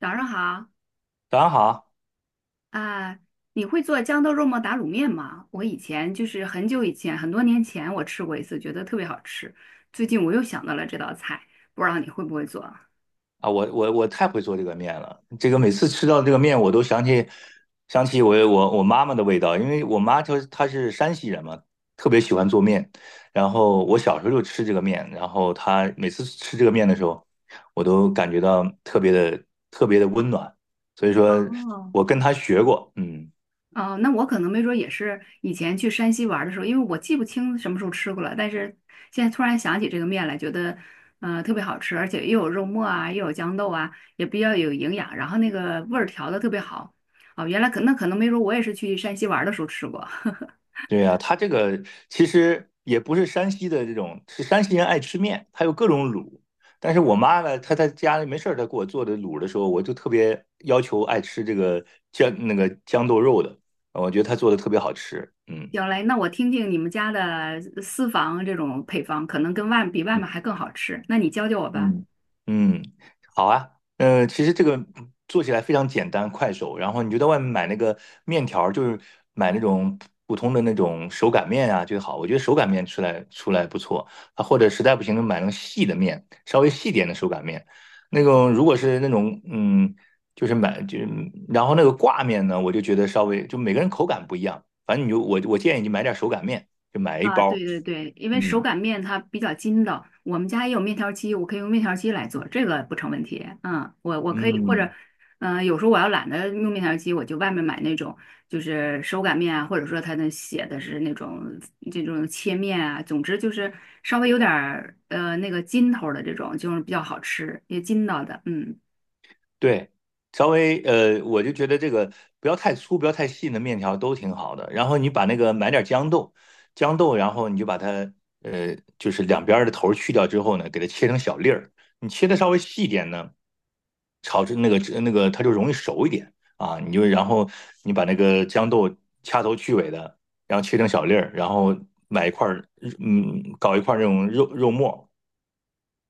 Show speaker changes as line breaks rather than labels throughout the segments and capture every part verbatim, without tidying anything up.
早上好
早上好啊！
啊，你会做豇豆肉末打卤面吗？我以前就是很久以前，很多年前我吃过一次，觉得特别好吃。最近我又想到了这道菜，不知道你会不会做？
啊我我我太会做这个面了，这个每次吃到这个面，我都想起想起我我我妈妈的味道，因为我妈她她是山西人嘛，特别喜欢做面。然后我小时候就吃这个面，然后她每次吃这个面的时候，我都感觉到特别的特别的温暖。所以说
哦，
我跟她学过，嗯。
哦，那我可能没准儿也是以前去山西玩儿的时候，因为我记不清什么时候吃过了，但是现在突然想起这个面来，觉得呃特别好吃，而且又有肉末啊，又有豇豆啊，也比较有营养，然后那个味儿调的特别好。哦，原来可那可能没准儿我也是去山西玩儿的时候吃过。
对呀、他这个其实也不是山西的这种，是山西人爱吃面，他有各种卤。但是我妈呢，她在家里没事儿，她给我做的卤的时候，我就特别要求爱吃这个姜那个豇豆肉的，我觉得她做的特别好吃。嗯，
行嘞，那我听听你们家的私房这种配方，可能跟外比外面还更好吃。那你教教我吧。
嗯嗯，好啊。呃，其实这个做起来非常简单快手，然后你就在外面买那个面条儿就是买那种普通的那种手擀面啊最好。我觉得手擀面出来出来不错啊，或者实在不行就买那种细的面，稍微细点的手擀面。那种如果是那种嗯，就是买就然后那个挂面呢，我就觉得稍微就每个人口感不一样，反正你就我我建议你买点手擀面，就买一
啊，对
包。
对对，因为手
嗯
擀面它比较筋道，我们家也有面条机，我可以用面条机来做，这个不成问题。嗯，我我可以或者，
嗯。
嗯、有时候我要懒得用面条机，我就外面买那种就是手擀面啊，或者说它那写的是那种这种切面啊，总之就是稍微有点儿呃那个筋头儿的这种，就是比较好吃，也筋道的。嗯
对，稍微呃，我就觉得这个不要太粗，不要太细的面条都挺好的。然后你把那个买点豇豆，豇豆，然后你就把它呃，就是两边儿的头儿去掉之后呢，给它切成小粒儿。你切的稍微细一点呢，炒制那个那个它就容易熟一点啊。你就然后你把那个豇豆掐头去尾的，然后切成小粒儿，然后买一块儿嗯，搞一块儿那种肉肉末，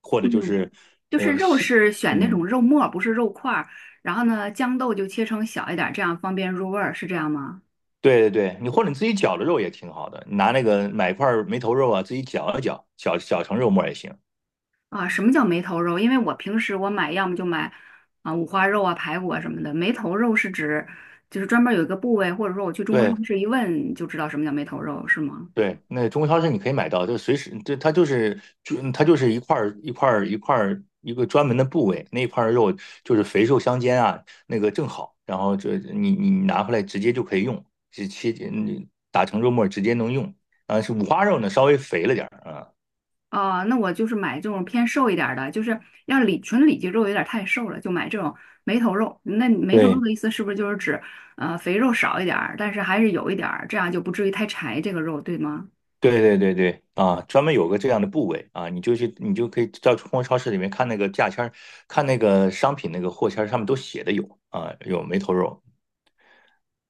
或者就
嗯，
是
就是
呃
肉
细。
是选那种
嗯。
肉末儿不是肉块儿。然后呢，豇豆就切成小一点儿，这样方便入味儿，是这样吗？
对对对，你或者你自己绞的肉也挺好的，你拿那个买一块儿梅头肉啊，自己绞一绞，绞绞成肉末也行。
啊，什么叫梅头肉？因为我平时我买，要么就买啊五花肉啊、排骨啊什么的。梅头肉是指就是专门儿有一个部位，或者说我去中国
对
超市一问就知道什么叫梅头肉，是吗？
对，那中国超市你可以买到，就随时这它就是就它就是一块儿一块儿一块儿一个专门的部位，那一块儿肉就是肥瘦相间啊，那个正好，然后这你你拿回来直接就可以用，是切你打成肉末直接能用。啊，是五花肉呢，稍微肥了点儿啊。
啊，那我就是买这种偏瘦一点儿的，就是要里纯里脊肉有点儿太瘦了，就买这种梅头肉。那梅头肉
对
的意思是不是就是指呃肥肉少一点儿，但是还是有一点儿，这样就不至于太柴这个肉，对吗？
对对对对啊，专门有个这样的部位啊，你就去，你就可以到物超市里面看那个价签儿，看那个商品那个货签儿上面都写的有啊，有梅头肉。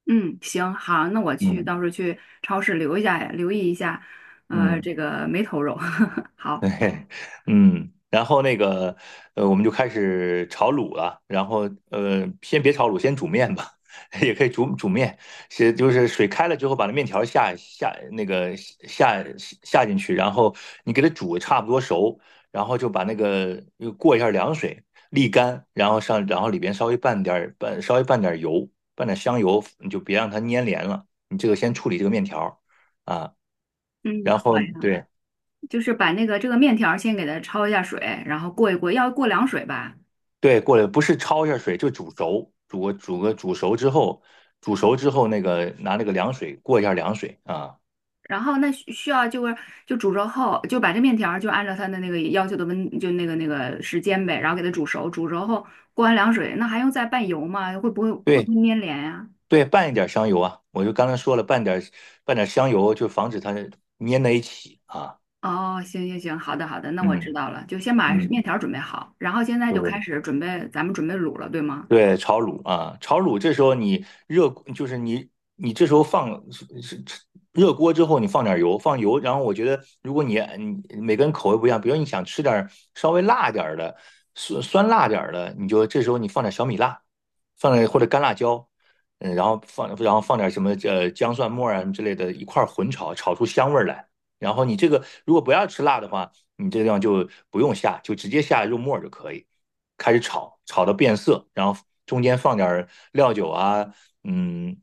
嗯，行，好，那我去，
嗯
到时候去超市留一下，留意一下，呃，
嗯。
这个梅头肉，好，
嘿嘿，嗯，然后那个，呃，我们就开始炒卤了。然后，呃，先别炒卤，先煮面吧，也可以煮煮面。是就是水开了之后，把那面条下下那个下下进去，然后你给它煮差不多熟，然后就把那个又过一下凉水沥干，然后上然后里边稍微拌点儿拌稍微拌点儿油，拌点香油，你就别让它粘连了。你这个先处理这个面条儿啊，
嗯，
然后
好呀，
对。
就是把那个这个面条儿先给它焯一下水，然后过一过，要过凉水吧，
对，过了不是焯一下水，就煮熟，煮个煮个煮熟之后，煮熟之后那个拿那个凉水过一下凉水啊，
然后那需需要就是就煮熟后，就把这面条儿就按照它的那个要求的温，就那个那个时间呗，然后给它煮熟，煮熟后过完凉水，那还用再拌油吗？会不会会不
对
会粘连呀、
对，拌一点香油啊，我就刚才说了，拌点拌点香油，就防止它粘在一起啊。
哦，行行行，好的好的，那我知
嗯
道了，就先把面
嗯，
条儿准备好，然后现在就开
对
始准备，咱们准备卤了，对吗？
对，炒卤啊，炒卤这时候你热，就是你你这时候放是是热锅之后，你放点油，放油，然后我觉得如果你你每个人口味不一样，比如你想吃点儿稍微辣点儿的，酸酸辣点儿的，你就这时候你放点小米辣，放点或者干辣椒，嗯，然后放然后放点什么呃姜蒜末啊什啊之类的，一块儿混炒，炒出香味儿来。然后你这个如果不要吃辣的话。你这个地方就不用下，就直接下肉末就可以。开始炒，炒到变色，然后中间放点料酒啊，嗯，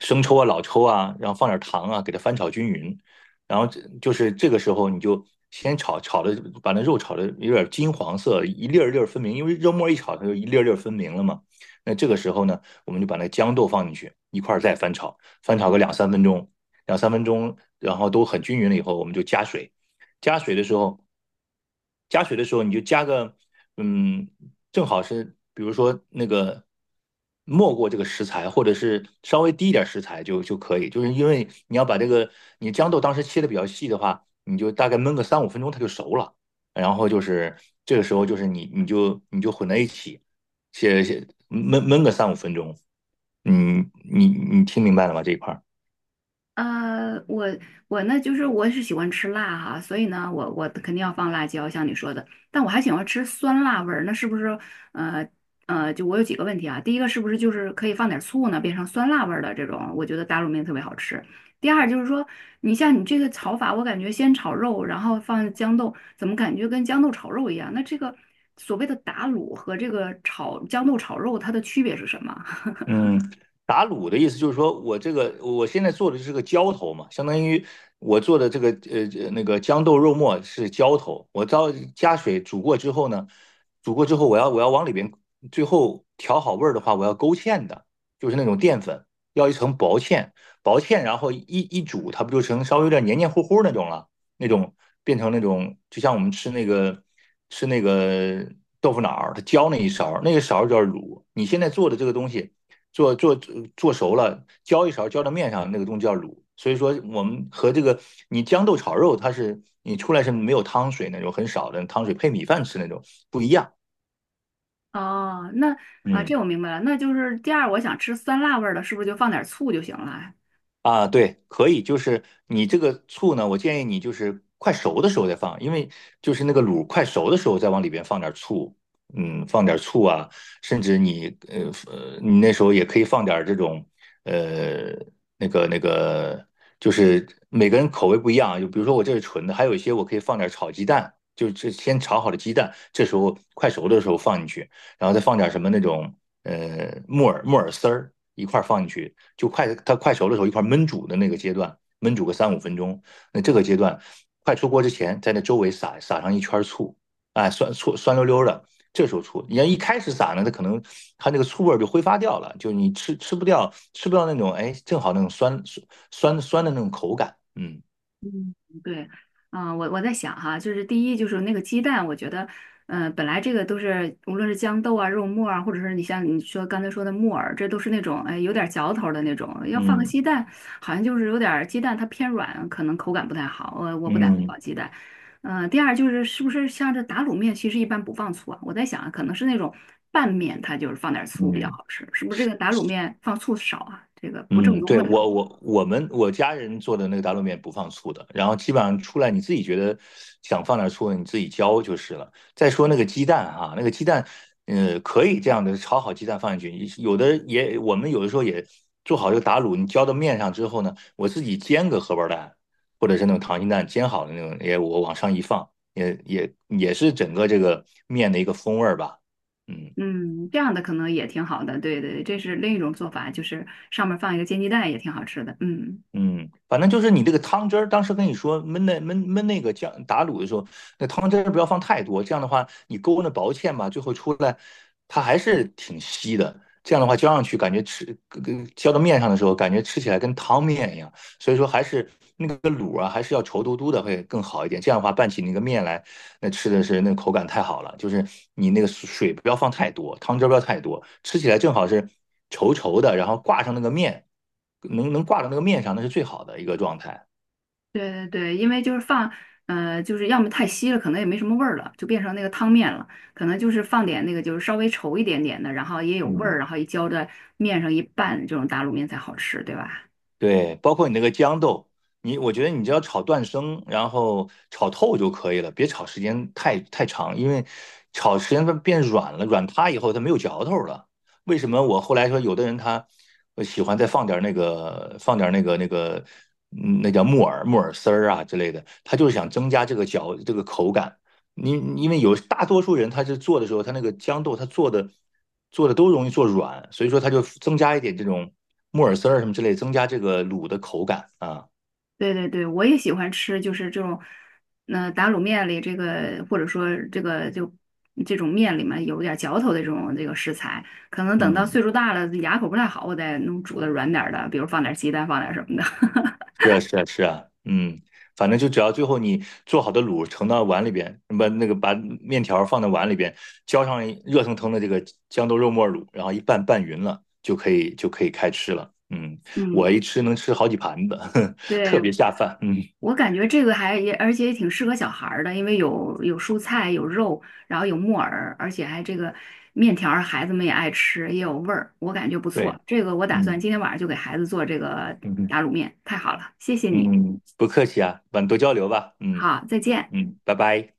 生抽啊、老抽啊，然后放点糖啊，给它翻炒均匀。然后就是这个时候，你就先炒炒的，把那肉炒的有点金黄色，一粒儿一粒儿分明，因为肉末一炒，它就一粒儿一粒儿分明了嘛。那这个时候呢，我们就把那豇豆放进去，一块儿再翻炒，翻炒个两三分钟，两三分钟，然后都很均匀了以后，我们就加水。加水的时候，加水的时候你就加个嗯，正好是比如说那个没过这个食材，或者是稍微低一点食材就就可以，就是因为你要把这个你豇豆当时切的比较细的话，你就大概焖个三五分钟它就熟了，然后就是这个时候就是你你就你就混在一起，切切焖焖个三五分钟，嗯，你你听明白了吗这一块儿？
呃，我我呢，就是我是喜欢吃辣哈，所以呢，我我肯定要放辣椒，像你说的。但我还喜欢吃酸辣味儿，那是不是呃呃，就我有几个问题啊？第一个是不是就是可以放点醋呢，变成酸辣味儿的这种？我觉得打卤面特别好吃。第二就是说，你像你这个炒法，我感觉先炒肉，然后放豇豆，怎么感觉跟豇豆炒肉一样？那这个所谓的打卤和这个炒豇豆炒肉，它的区别是什么？
嗯，打卤的意思就是说我这个我现在做的是个浇头嘛，相当于我做的这个呃呃那个豇豆肉末是浇头，我到加水煮过之后呢，煮过之后我要我要往里边最后调好味儿的话，我要勾芡的，就是那种淀粉，要一层薄芡，薄芡，然后一一煮，它不就成稍微有点黏黏糊糊那种了，那种变成那种就像我们吃那个吃那个豆腐脑儿，它浇那一勺儿，那个勺儿叫卤，你现在做的这个东西。做做做熟了，浇一勺浇到面上，那个东西叫卤。所以说，我们和这个你豇豆炒肉，它是你出来是没有汤水那种，很少的汤水配米饭吃那种不一样。
哦，那啊，这
嗯。
我明白了，那就是第二，我想吃酸辣味儿的，是不是就放点醋就行了啊？
啊，对，可以，就是你这个醋呢，我建议你就是快熟的时候再放，因为就是那个卤快熟的时候再往里边放点醋，嗯，放点醋啊，甚至你呃呃，你那时候也可以放点这种呃那个那个，就是每个人口味不一样啊，就比如说我这是纯的，还有一些我可以放点炒鸡蛋，就这先炒好的鸡蛋，这时候快熟的时候放进去，然后再放点什么那种呃木耳木耳丝儿一块儿放进去。就快它快熟的时候一块焖煮的那个阶段，焖煮个三五分钟。那这个阶段快出锅之前，在那周围撒撒上一圈醋，哎，酸醋酸溜溜的。这时候醋，你要一开始撒呢，它可能它那个醋味就挥发掉了，就你吃吃不掉，吃不到那种哎，正好那种酸酸酸酸的那种口感。嗯
嗯，对，啊，我我在想哈，就是第一就是那个鸡蛋，我觉得，嗯、本来这个都是无论是豇豆啊、肉末啊，或者是你像你说刚才说的木耳，这都是那种哎有点嚼头儿的那种，要放个
嗯
鸡蛋，好像就是有点儿鸡蛋它偏软，可能口感不太好，我我不打
嗯
算
嗯。
放鸡蛋。嗯、第二就是是不是像这打卤面，其实一般不放醋啊？我在想啊，可能是那种拌面，它就是放点儿醋比较
嗯
好吃，是不是这个打卤面放醋少啊？这个不正
嗯，
宗
对，
了就。
我我我们我家人做的那个打卤面不放醋的，然后基本上出来你自己觉得想放点醋，你自己浇就是了。再说那个鸡蛋哈、那个鸡蛋，呃，可以这样的炒好鸡蛋放进去，有的也我们有的时候也做好这个打卤，你浇到面上之后呢，我自己煎个荷包蛋，或者是那种溏心蛋煎好的那种，也我往上一放，也也也是整个这个面的一个风味儿吧。嗯
嗯，这样的可能也挺好的，对对，这是另一种做法，就是上面放一个煎鸡蛋也挺好吃的。嗯，
嗯，反正就是你这个汤汁儿，当时跟你说焖那焖焖那个酱打卤的时候，那汤汁儿不要放太多，这样的话你勾那薄芡吧，最后出来它还是挺稀的。这样的话浇上去，感觉吃跟跟浇到面上的时候，感觉吃起来跟汤面一样。所以说还是那个卤啊，还是要稠嘟嘟的会更好一点。这样的话拌起那个面来，那吃的是那口感太好了，就是你那个水不要放太多，汤汁不要太多，吃起来正好是稠稠的，然后挂上那个面，能能挂到那个面上，那是最好的一个状态。
对对对，因为就是放，呃，就是要么太稀了，可能也没什么味儿了，就变成那个汤面了。可能就是放点那个，就是稍微稠一点点的，然后也有味儿，
嗯。
然后一浇在面上一拌，这种打卤面才好吃，对吧？
对，包括你那个豇豆，你我觉得你只要炒断生，然后炒透就可以了，别炒时间太太长，因为炒时间它变软了，软塌以后它没有嚼头了。为什么我后来说有的人他呃喜欢再放点那个放点那个那个嗯那叫木耳木耳丝儿啊之类的，他就是想增加这个嚼这个口感。你因为有大多数人，他是做的时候，他那个豇豆他做的做的都容易做软，所以说他就增加一点这种木耳丝儿什么之类，增加这个卤的口感啊。
对对对，我也喜欢吃，就是这种，呃，打卤面里这个，或者说这个就这种面里面有点嚼头的这种这个食材，可能等到
嗯，
岁数大了，牙口不太好，我再弄煮的软点儿的，比如放点鸡蛋，放点什么的。
是啊，是啊，是啊，嗯，反正就只要最后你做好的卤盛到碗里边，把那个把面条放到碗里边，浇上热腾腾的这个豇豆肉沫卤，然后一拌拌匀了，就可以就可以开吃了。嗯，我
嗯，
一吃能吃好几盘子，
对，
特别下饭。嗯，
我感觉这个还也，而且也挺适合小孩儿的，因为有有蔬菜，有肉，然后有木耳，而且还这个面条儿孩子们也爱吃，也有味儿，我感觉不
对，
错。这个我打算
嗯
今天晚上就给孩子做这个
嗯。
打卤面，太好了，谢谢你。
嗯，不客气啊，我们多交流吧。嗯
好，再见。
嗯，拜拜。